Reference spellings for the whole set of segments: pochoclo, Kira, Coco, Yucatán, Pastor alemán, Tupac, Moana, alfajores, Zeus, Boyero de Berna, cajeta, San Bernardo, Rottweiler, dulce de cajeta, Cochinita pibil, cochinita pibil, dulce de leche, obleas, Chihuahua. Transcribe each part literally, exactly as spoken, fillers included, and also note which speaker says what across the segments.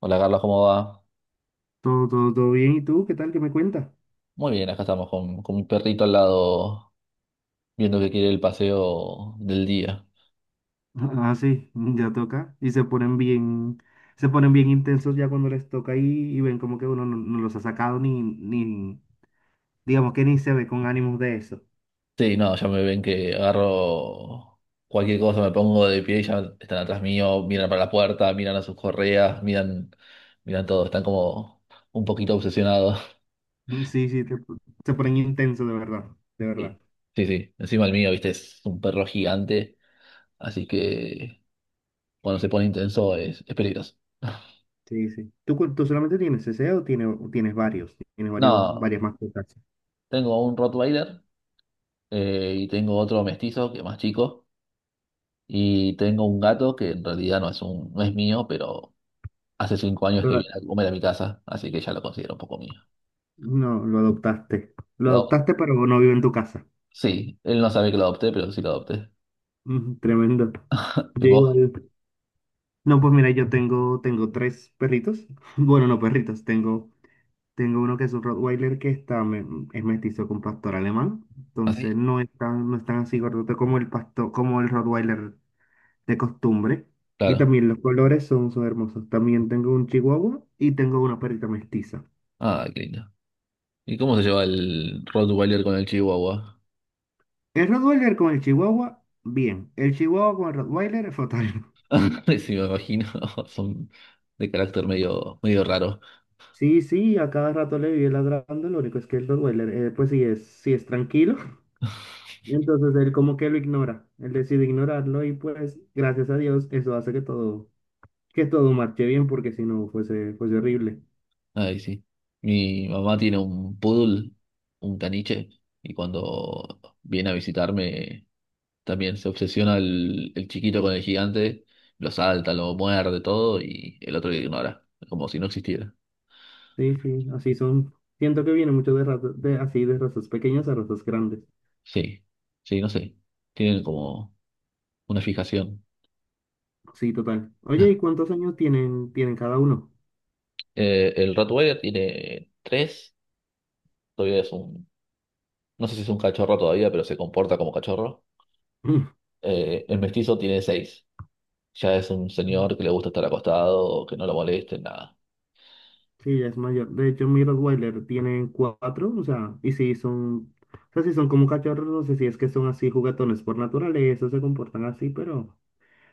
Speaker 1: Hola Carlos, ¿cómo va?
Speaker 2: Todo, todo, todo bien. ¿Y tú qué tal? ¿Qué me cuentas?
Speaker 1: Muy bien, acá estamos con, con mi perrito al lado, viendo que quiere el paseo del día.
Speaker 2: Ah, sí, ya toca. Y se ponen bien, se ponen bien intensos ya cuando les toca y, y ven como que uno no, no los ha sacado ni, ni, digamos que ni se ve con ánimos de eso.
Speaker 1: Sí, no, ya me ven que agarro cualquier cosa, me pongo de pie y ya están atrás mío, miran para la puerta, miran a sus correas, miran, miran todo, están como un poquito obsesionados.
Speaker 2: Mm, sí, sí, te- se ponen intensos de verdad, de verdad.
Speaker 1: Sí, sí, sí. Encima el mío, viste, es un perro gigante, así que cuando se pone intenso es, es peligroso.
Speaker 2: Sí, sí. ¿Tú, cu- tú solamente tienes ese o tienes, o tienes varios? Tienes varios,
Speaker 1: No,
Speaker 2: varias mascotas.
Speaker 1: tengo un Rottweiler eh, y tengo otro mestizo que es más chico. Y tengo un gato que en realidad no es un, no es mío, pero hace cinco años que
Speaker 2: Pero
Speaker 1: viene a comer a mi casa, así que ya lo considero un poco mío.
Speaker 2: no, lo adoptaste. Lo
Speaker 1: Lo,
Speaker 2: adoptaste, pero no vive en tu casa.
Speaker 1: sí, él no sabe que lo adopté, pero sí lo adopté.
Speaker 2: Ujú, tremendo.
Speaker 1: ¿Y
Speaker 2: Yo
Speaker 1: vos?
Speaker 2: igual. No, pues mira, yo tengo, tengo tres perritos. Bueno, no perritos, tengo, tengo uno que es un Rottweiler que está, me- es mestizo con pastor alemán. Entonces
Speaker 1: ¿Así?
Speaker 2: no es tan, no es tan así gordote como el pastor, como el Rottweiler de costumbre. Y
Speaker 1: Claro.
Speaker 2: también los colores son, son hermosos. También tengo un Chihuahua y tengo una perrita mestiza.
Speaker 1: Ah, qué lindo. ¿Y cómo se lleva el Rottweiler con el Chihuahua?
Speaker 2: El Rottweiler con el Chihuahua, bien. El Chihuahua con el Rottweiler, fatal.
Speaker 1: Sí, me imagino. Son de carácter medio, medio raro.
Speaker 2: Sí, sí, a cada rato le vive ladrando. Lo único es que el Rottweiler, eh, pues sí es, sí es tranquilo. Entonces él como que lo ignora, él decide ignorarlo y pues gracias a Dios eso hace que todo, que todo marche bien porque si no fuese, fuese horrible.
Speaker 1: Ay, sí. Mi mamá tiene un poodle, un caniche, y cuando viene a visitarme también se obsesiona el, el chiquito con el gigante, lo salta, lo muerde, todo, y el otro lo ignora, como si no existiera.
Speaker 2: Sí, sí, así son. Siento que viene mucho de razas, de así de razas pequeñas a razas grandes.
Speaker 1: Sí, sí, no sé. Tienen como una fijación.
Speaker 2: Sí, total. Oye, ¿y cuántos años tienen, tienen cada uno?
Speaker 1: Eh, el Rottweiler tiene tres, todavía es un, no sé si es un cachorro todavía, pero se comporta como cachorro. Eh, el mestizo tiene seis, ya es un señor que le gusta estar acostado, que no lo molesten, nada.
Speaker 2: Sí, ya es mayor. De hecho, mi Rottweiler tiene cuatro, o sea, y sí son, o sea, sí son como cachorros, no sé si es que son así juguetones por naturaleza, se comportan así, pero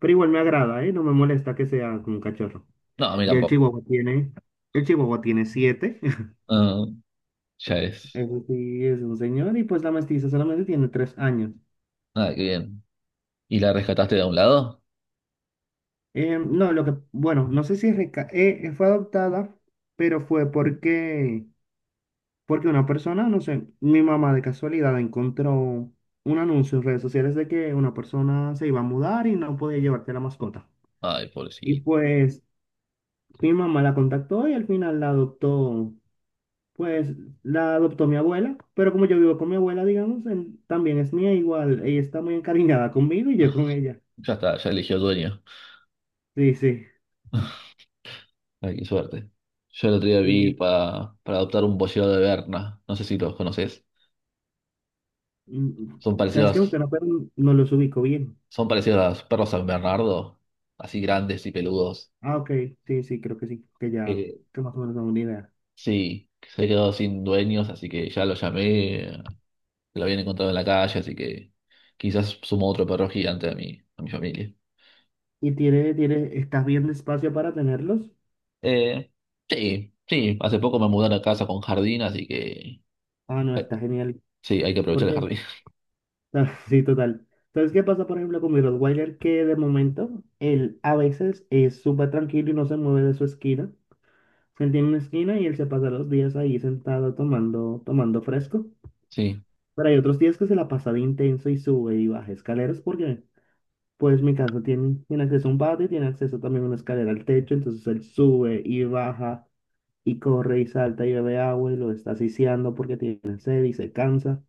Speaker 2: Pero igual me agrada, ¿eh? No me molesta que sea como un cachorro.
Speaker 1: No, a mí
Speaker 2: Y el
Speaker 1: tampoco.
Speaker 2: chihuahua tiene, el chihuahua tiene siete.
Speaker 1: Ah, ya es.
Speaker 2: Eso sí, es un señor. Y pues la mestiza solamente tiene tres años.
Speaker 1: Ah, qué bien. ¿Y la rescataste de un lado?
Speaker 2: Eh, no, lo que, bueno, no sé si reca- eh, eh, fue adoptada, pero fue porque, porque una persona, no sé, mi mamá de casualidad encontró un anuncio en redes sociales de que una persona se iba a mudar y no podía llevarte la mascota.
Speaker 1: Ay,
Speaker 2: Y
Speaker 1: pobrecito.
Speaker 2: pues mi mamá la contactó y al final la adoptó. Pues la adoptó mi abuela, pero como yo vivo con mi abuela, digamos, en- también es mía igual. Ella está muy encariñada conmigo y yo con ella.
Speaker 1: Ya está, ya eligió dueño.
Speaker 2: Sí, sí.
Speaker 1: Ay, qué suerte. Yo el otro día vi
Speaker 2: Sí,
Speaker 1: para, para adoptar un boyero de Berna. No sé si los conoces.
Speaker 2: mm,
Speaker 1: Son
Speaker 2: ¿sabes qué?
Speaker 1: parecidos,
Speaker 2: Usted no, pero no los ubico bien.
Speaker 1: son parecidos a los perros San Bernardo, así grandes y peludos.
Speaker 2: Ah, ok. Sí, sí, creo que sí. Que ya,
Speaker 1: Eh,
Speaker 2: que más o menos tengo una idea.
Speaker 1: sí, que se quedó sin dueños, así que ya lo llamé, lo habían encontrado en la calle, así que quizás sumo otro perro gigante a mi, a mi familia.
Speaker 2: ¿Y tiene, tiene, estás bien de espacio para tenerlos?
Speaker 1: Eh, sí, sí, hace poco me mudaron a casa con jardín, así que
Speaker 2: Ah, no,
Speaker 1: eh,
Speaker 2: está genial.
Speaker 1: sí, hay que
Speaker 2: ¿Por
Speaker 1: aprovechar el
Speaker 2: qué?
Speaker 1: jardín.
Speaker 2: Ah, Sí, total. ¿Sabes qué pasa, por ejemplo, con mi Rottweiler? Que de momento, él a veces es súper tranquilo y no se mueve de su esquina. Él tiene una esquina y él se pasa los días ahí sentado tomando, tomando fresco.
Speaker 1: Sí,
Speaker 2: Pero hay otros días que se la pasa de intenso y sube y baja escaleras porque, pues, mi casa tiene, tiene acceso a un patio y tiene acceso también a una escalera al techo. Entonces él sube y baja y corre y salta y bebe agua y lo está asfixiando porque tiene sed y se cansa.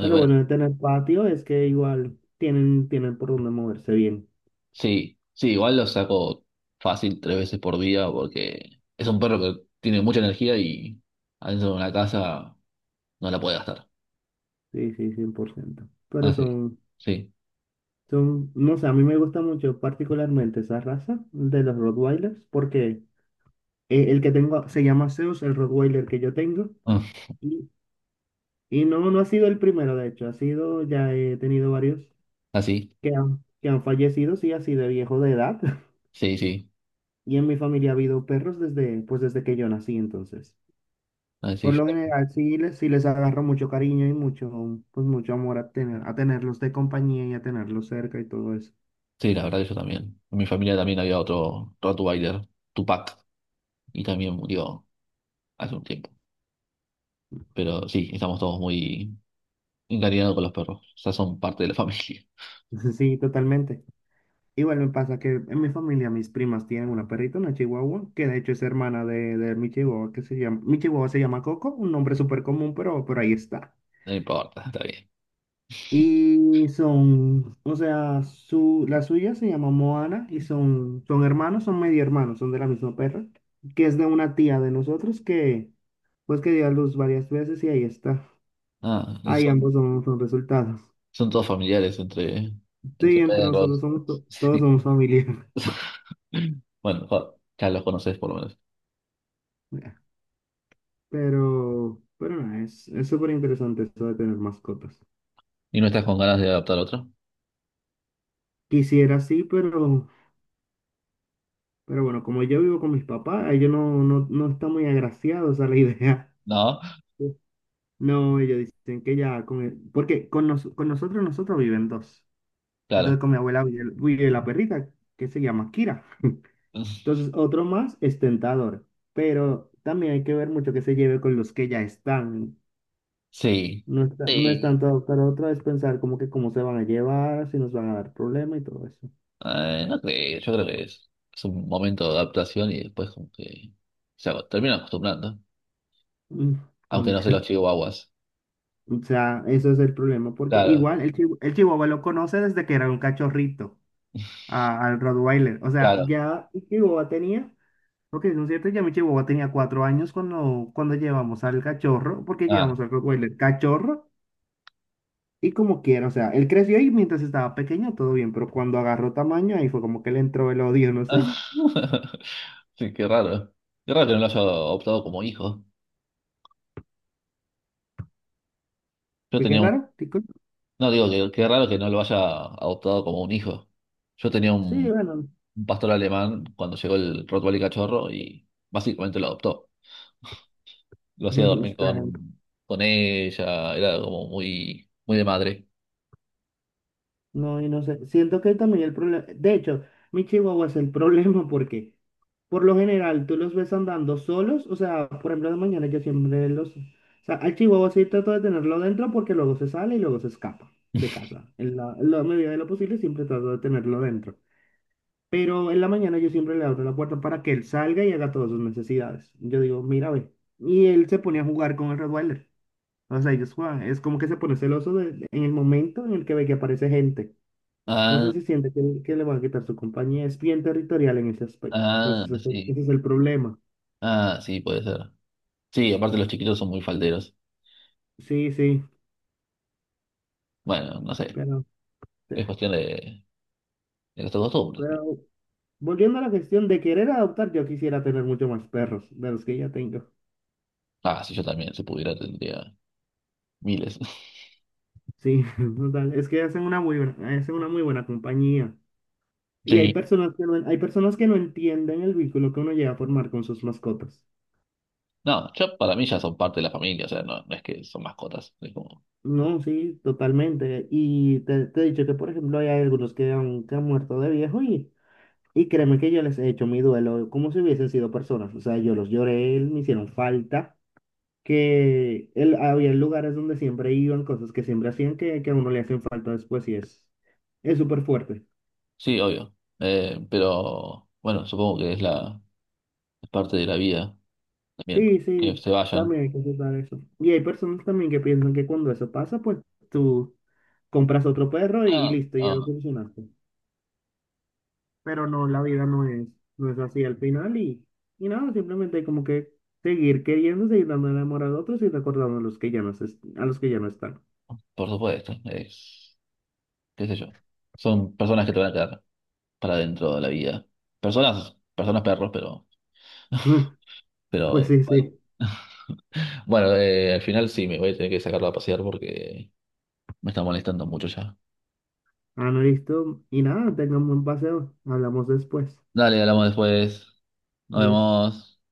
Speaker 2: Pero bueno de tener patio es que igual tienen, tienen por dónde moverse bien.
Speaker 1: sí, sí, igual lo saco fácil tres veces por día porque es un perro que tiene mucha energía y adentro de una casa no la puede gastar.
Speaker 2: Sí, sí, cien por ciento. Pero
Speaker 1: Así,
Speaker 2: son,
Speaker 1: sí,
Speaker 2: Son, no sé, a mí me gusta mucho particularmente esa raza de los Rottweilers porque eh, el que tengo se llama Zeus, el Rottweiler que yo tengo,
Speaker 1: ah,
Speaker 2: y, y no, no ha sido el primero, de hecho, ha sido, ya he tenido varios
Speaker 1: así,
Speaker 2: que han, que han, fallecido, sí, así de viejo de edad,
Speaker 1: sí, sí,
Speaker 2: y en mi familia ha habido perros desde, pues desde que yo nací, entonces.
Speaker 1: así
Speaker 2: Por
Speaker 1: yo-
Speaker 2: lo general, sí les, sí les agarro mucho cariño y mucho, pues mucho amor a tener, a tenerlos de compañía y a tenerlos cerca y todo eso.
Speaker 1: sí, la verdad que yo también. En mi familia también había otro Rottweiler, Tupac, y también murió hace un tiempo. Pero sí, estamos todos muy encariñados con los perros, o sea, son parte de la familia.
Speaker 2: Sí, totalmente. Igual me pasa que en mi familia mis primas tienen una perrita, una chihuahua, que de hecho es hermana de, de mi chihuahua, que se llama, mi chihuahua se llama Coco, un nombre súper común, pero, pero ahí está.
Speaker 1: No importa, está bien.
Speaker 2: Y son, o sea, su, la suya se llama Moana y son, son hermanos, son medio hermanos, son de la misma perra, que es de una tía de nosotros que, pues que dio a luz varias veces y ahí está.
Speaker 1: Ah,
Speaker 2: Ahí
Speaker 1: son
Speaker 2: ambos son, son resultados.
Speaker 1: Son todos familiares entre,
Speaker 2: Sí,
Speaker 1: entre
Speaker 2: entre nosotros
Speaker 1: perros.
Speaker 2: somos, to- todos somos familia.
Speaker 1: Sí. Bueno, jo- ya los conoces por lo menos.
Speaker 2: Pero, pero nada, es, es súper interesante eso de tener mascotas.
Speaker 1: ¿Y no estás con ganas de adoptar otro?
Speaker 2: Quisiera sí, pero, pero bueno, como yo vivo con mis papás, ellos no, no, no están muy agraciados a la idea.
Speaker 1: No,
Speaker 2: No, ellos dicen que ya con el- porque con, nos- con nosotros, nosotros viven dos. Entonces
Speaker 1: claro.
Speaker 2: con mi abuela vive, vive la perrita, que se llama Kira. Entonces otro más es tentador, pero también hay que ver mucho que se lleve con los que ya están.
Speaker 1: Sí.
Speaker 2: No está, no es
Speaker 1: Sí.
Speaker 2: tanto adoptar a otro, es pensar como que cómo se van a llevar, si nos van a dar problema y todo eso.
Speaker 1: Eh, no creo, yo creo que es, es un momento de adaptación y después como que se aco- terminan acostumbrando.
Speaker 2: Mm,
Speaker 1: Aunque
Speaker 2: mm.
Speaker 1: no sé los chihuahuas.
Speaker 2: O sea, eso es el problema, porque
Speaker 1: Claro,
Speaker 2: igual el, chihu- el chihuahua lo conoce desde que era un cachorrito a- al Rottweiler. O sea,
Speaker 1: claro.
Speaker 2: ya el chihuahua tenía, ok, son cierto, ya mi chihuahua tenía cuatro años cuando, cuando llevamos al cachorro, porque
Speaker 1: Ah,
Speaker 2: llevamos al Rottweiler cachorro y como quiera. O sea, él creció y mientras estaba pequeño todo bien, pero cuando agarró tamaño ahí fue como que le entró el odio, no sé.
Speaker 1: sí, qué raro. Qué raro que no lo haya adoptado como hijo. Yo
Speaker 2: ¿Qué, qué
Speaker 1: tenía
Speaker 2: raro? ¿Qué cosa?
Speaker 1: No, digo que qué raro que no lo haya adoptado como un hijo. Yo tenía
Speaker 2: Sí,
Speaker 1: un,
Speaker 2: bueno,
Speaker 1: un pastor alemán cuando llegó el Rottweiler cachorro y básicamente lo adoptó. Lo hacía dormir
Speaker 2: está bien.
Speaker 1: con, con ella, era como muy, muy de madre.
Speaker 2: No, y no sé, siento que también el problema, de hecho, mi chihuahua es el problema porque por lo general tú los ves andando solos, o sea, por ejemplo, de mañana yo siempre los, o sea, al chihuahua sí trato de tenerlo dentro porque luego se sale y luego se escapa de casa. En la, en la medida de lo posible siempre trato de tenerlo dentro. Pero en la mañana yo siempre le abro la puerta para que él salga y haga todas sus necesidades. Yo digo, mira, ve. Y él se pone a jugar con el Rottweiler. O sea, ellos juegan. Es como que se pone celoso de- en el momento en el que ve que aparece gente. No sé
Speaker 1: Ah,
Speaker 2: si siente que, que, le van a quitar su compañía. Es bien territorial en ese aspecto. Entonces,
Speaker 1: ah,
Speaker 2: ese, es el
Speaker 1: sí.
Speaker 2: ese es el problema.
Speaker 1: Ah, sí, puede ser. Sí, aparte los chiquitos son muy falderos.
Speaker 2: Sí, sí,
Speaker 1: Bueno, no sé,
Speaker 2: pero, eh,
Speaker 1: es cuestión de, de nuestras costumbres, ¿no?
Speaker 2: pero volviendo a la cuestión de querer adoptar, yo quisiera tener mucho más perros de los que ya tengo.
Speaker 1: Ah, si yo también, si pudiera, tendría miles.
Speaker 2: Sí, total. Es que hacen una muy buena, hacen una muy buena compañía. Y hay
Speaker 1: Sí.
Speaker 2: personas que no, hay personas que no entienden el vínculo que uno llega a formar con sus mascotas.
Speaker 1: No, yo para mí ya son parte de la familia, o sea, no, no es que son mascotas, es como...
Speaker 2: No, sí, totalmente. Y te, te he dicho que, por ejemplo, hay algunos que han, que han muerto de viejo y. Y créeme que yo les he hecho mi duelo como si hubiesen sido personas. O sea, yo los lloré, me hicieron falta, que él, había lugares donde siempre iban, cosas que siempre hacían que, que a uno le hacen falta después y es es súper fuerte.
Speaker 1: Sí, obvio. Eh, pero bueno, supongo que es la es parte de la vida también,
Speaker 2: Sí,
Speaker 1: que
Speaker 2: sí,
Speaker 1: se vayan.
Speaker 2: también hay que aceptar eso. Y hay personas también que piensan que cuando eso pasa, pues tú compras otro perro y, y
Speaker 1: Ah,
Speaker 2: listo, ya lo
Speaker 1: ah,
Speaker 2: solucionaste. Pero no, la vida no es, no es así al final y, y nada, simplemente hay como que seguir queriendo, seguir dando el amor a otros y recordando a los que ya no, se- a los que ya no están.
Speaker 1: por supuesto, es, qué sé yo. Son personas que te van a quedar para dentro de la vida. Personas, personas perros, pero,
Speaker 2: Pues
Speaker 1: pero
Speaker 2: sí,
Speaker 1: bueno.
Speaker 2: sí.
Speaker 1: Bueno, eh, al final sí me voy a tener que sacarlo a pasear porque me está molestando mucho ya.
Speaker 2: Ah, no, listo. Y nada, tengan buen paseo. Hablamos después.
Speaker 1: Dale, hablamos después. Nos
Speaker 2: Adiós.
Speaker 1: vemos.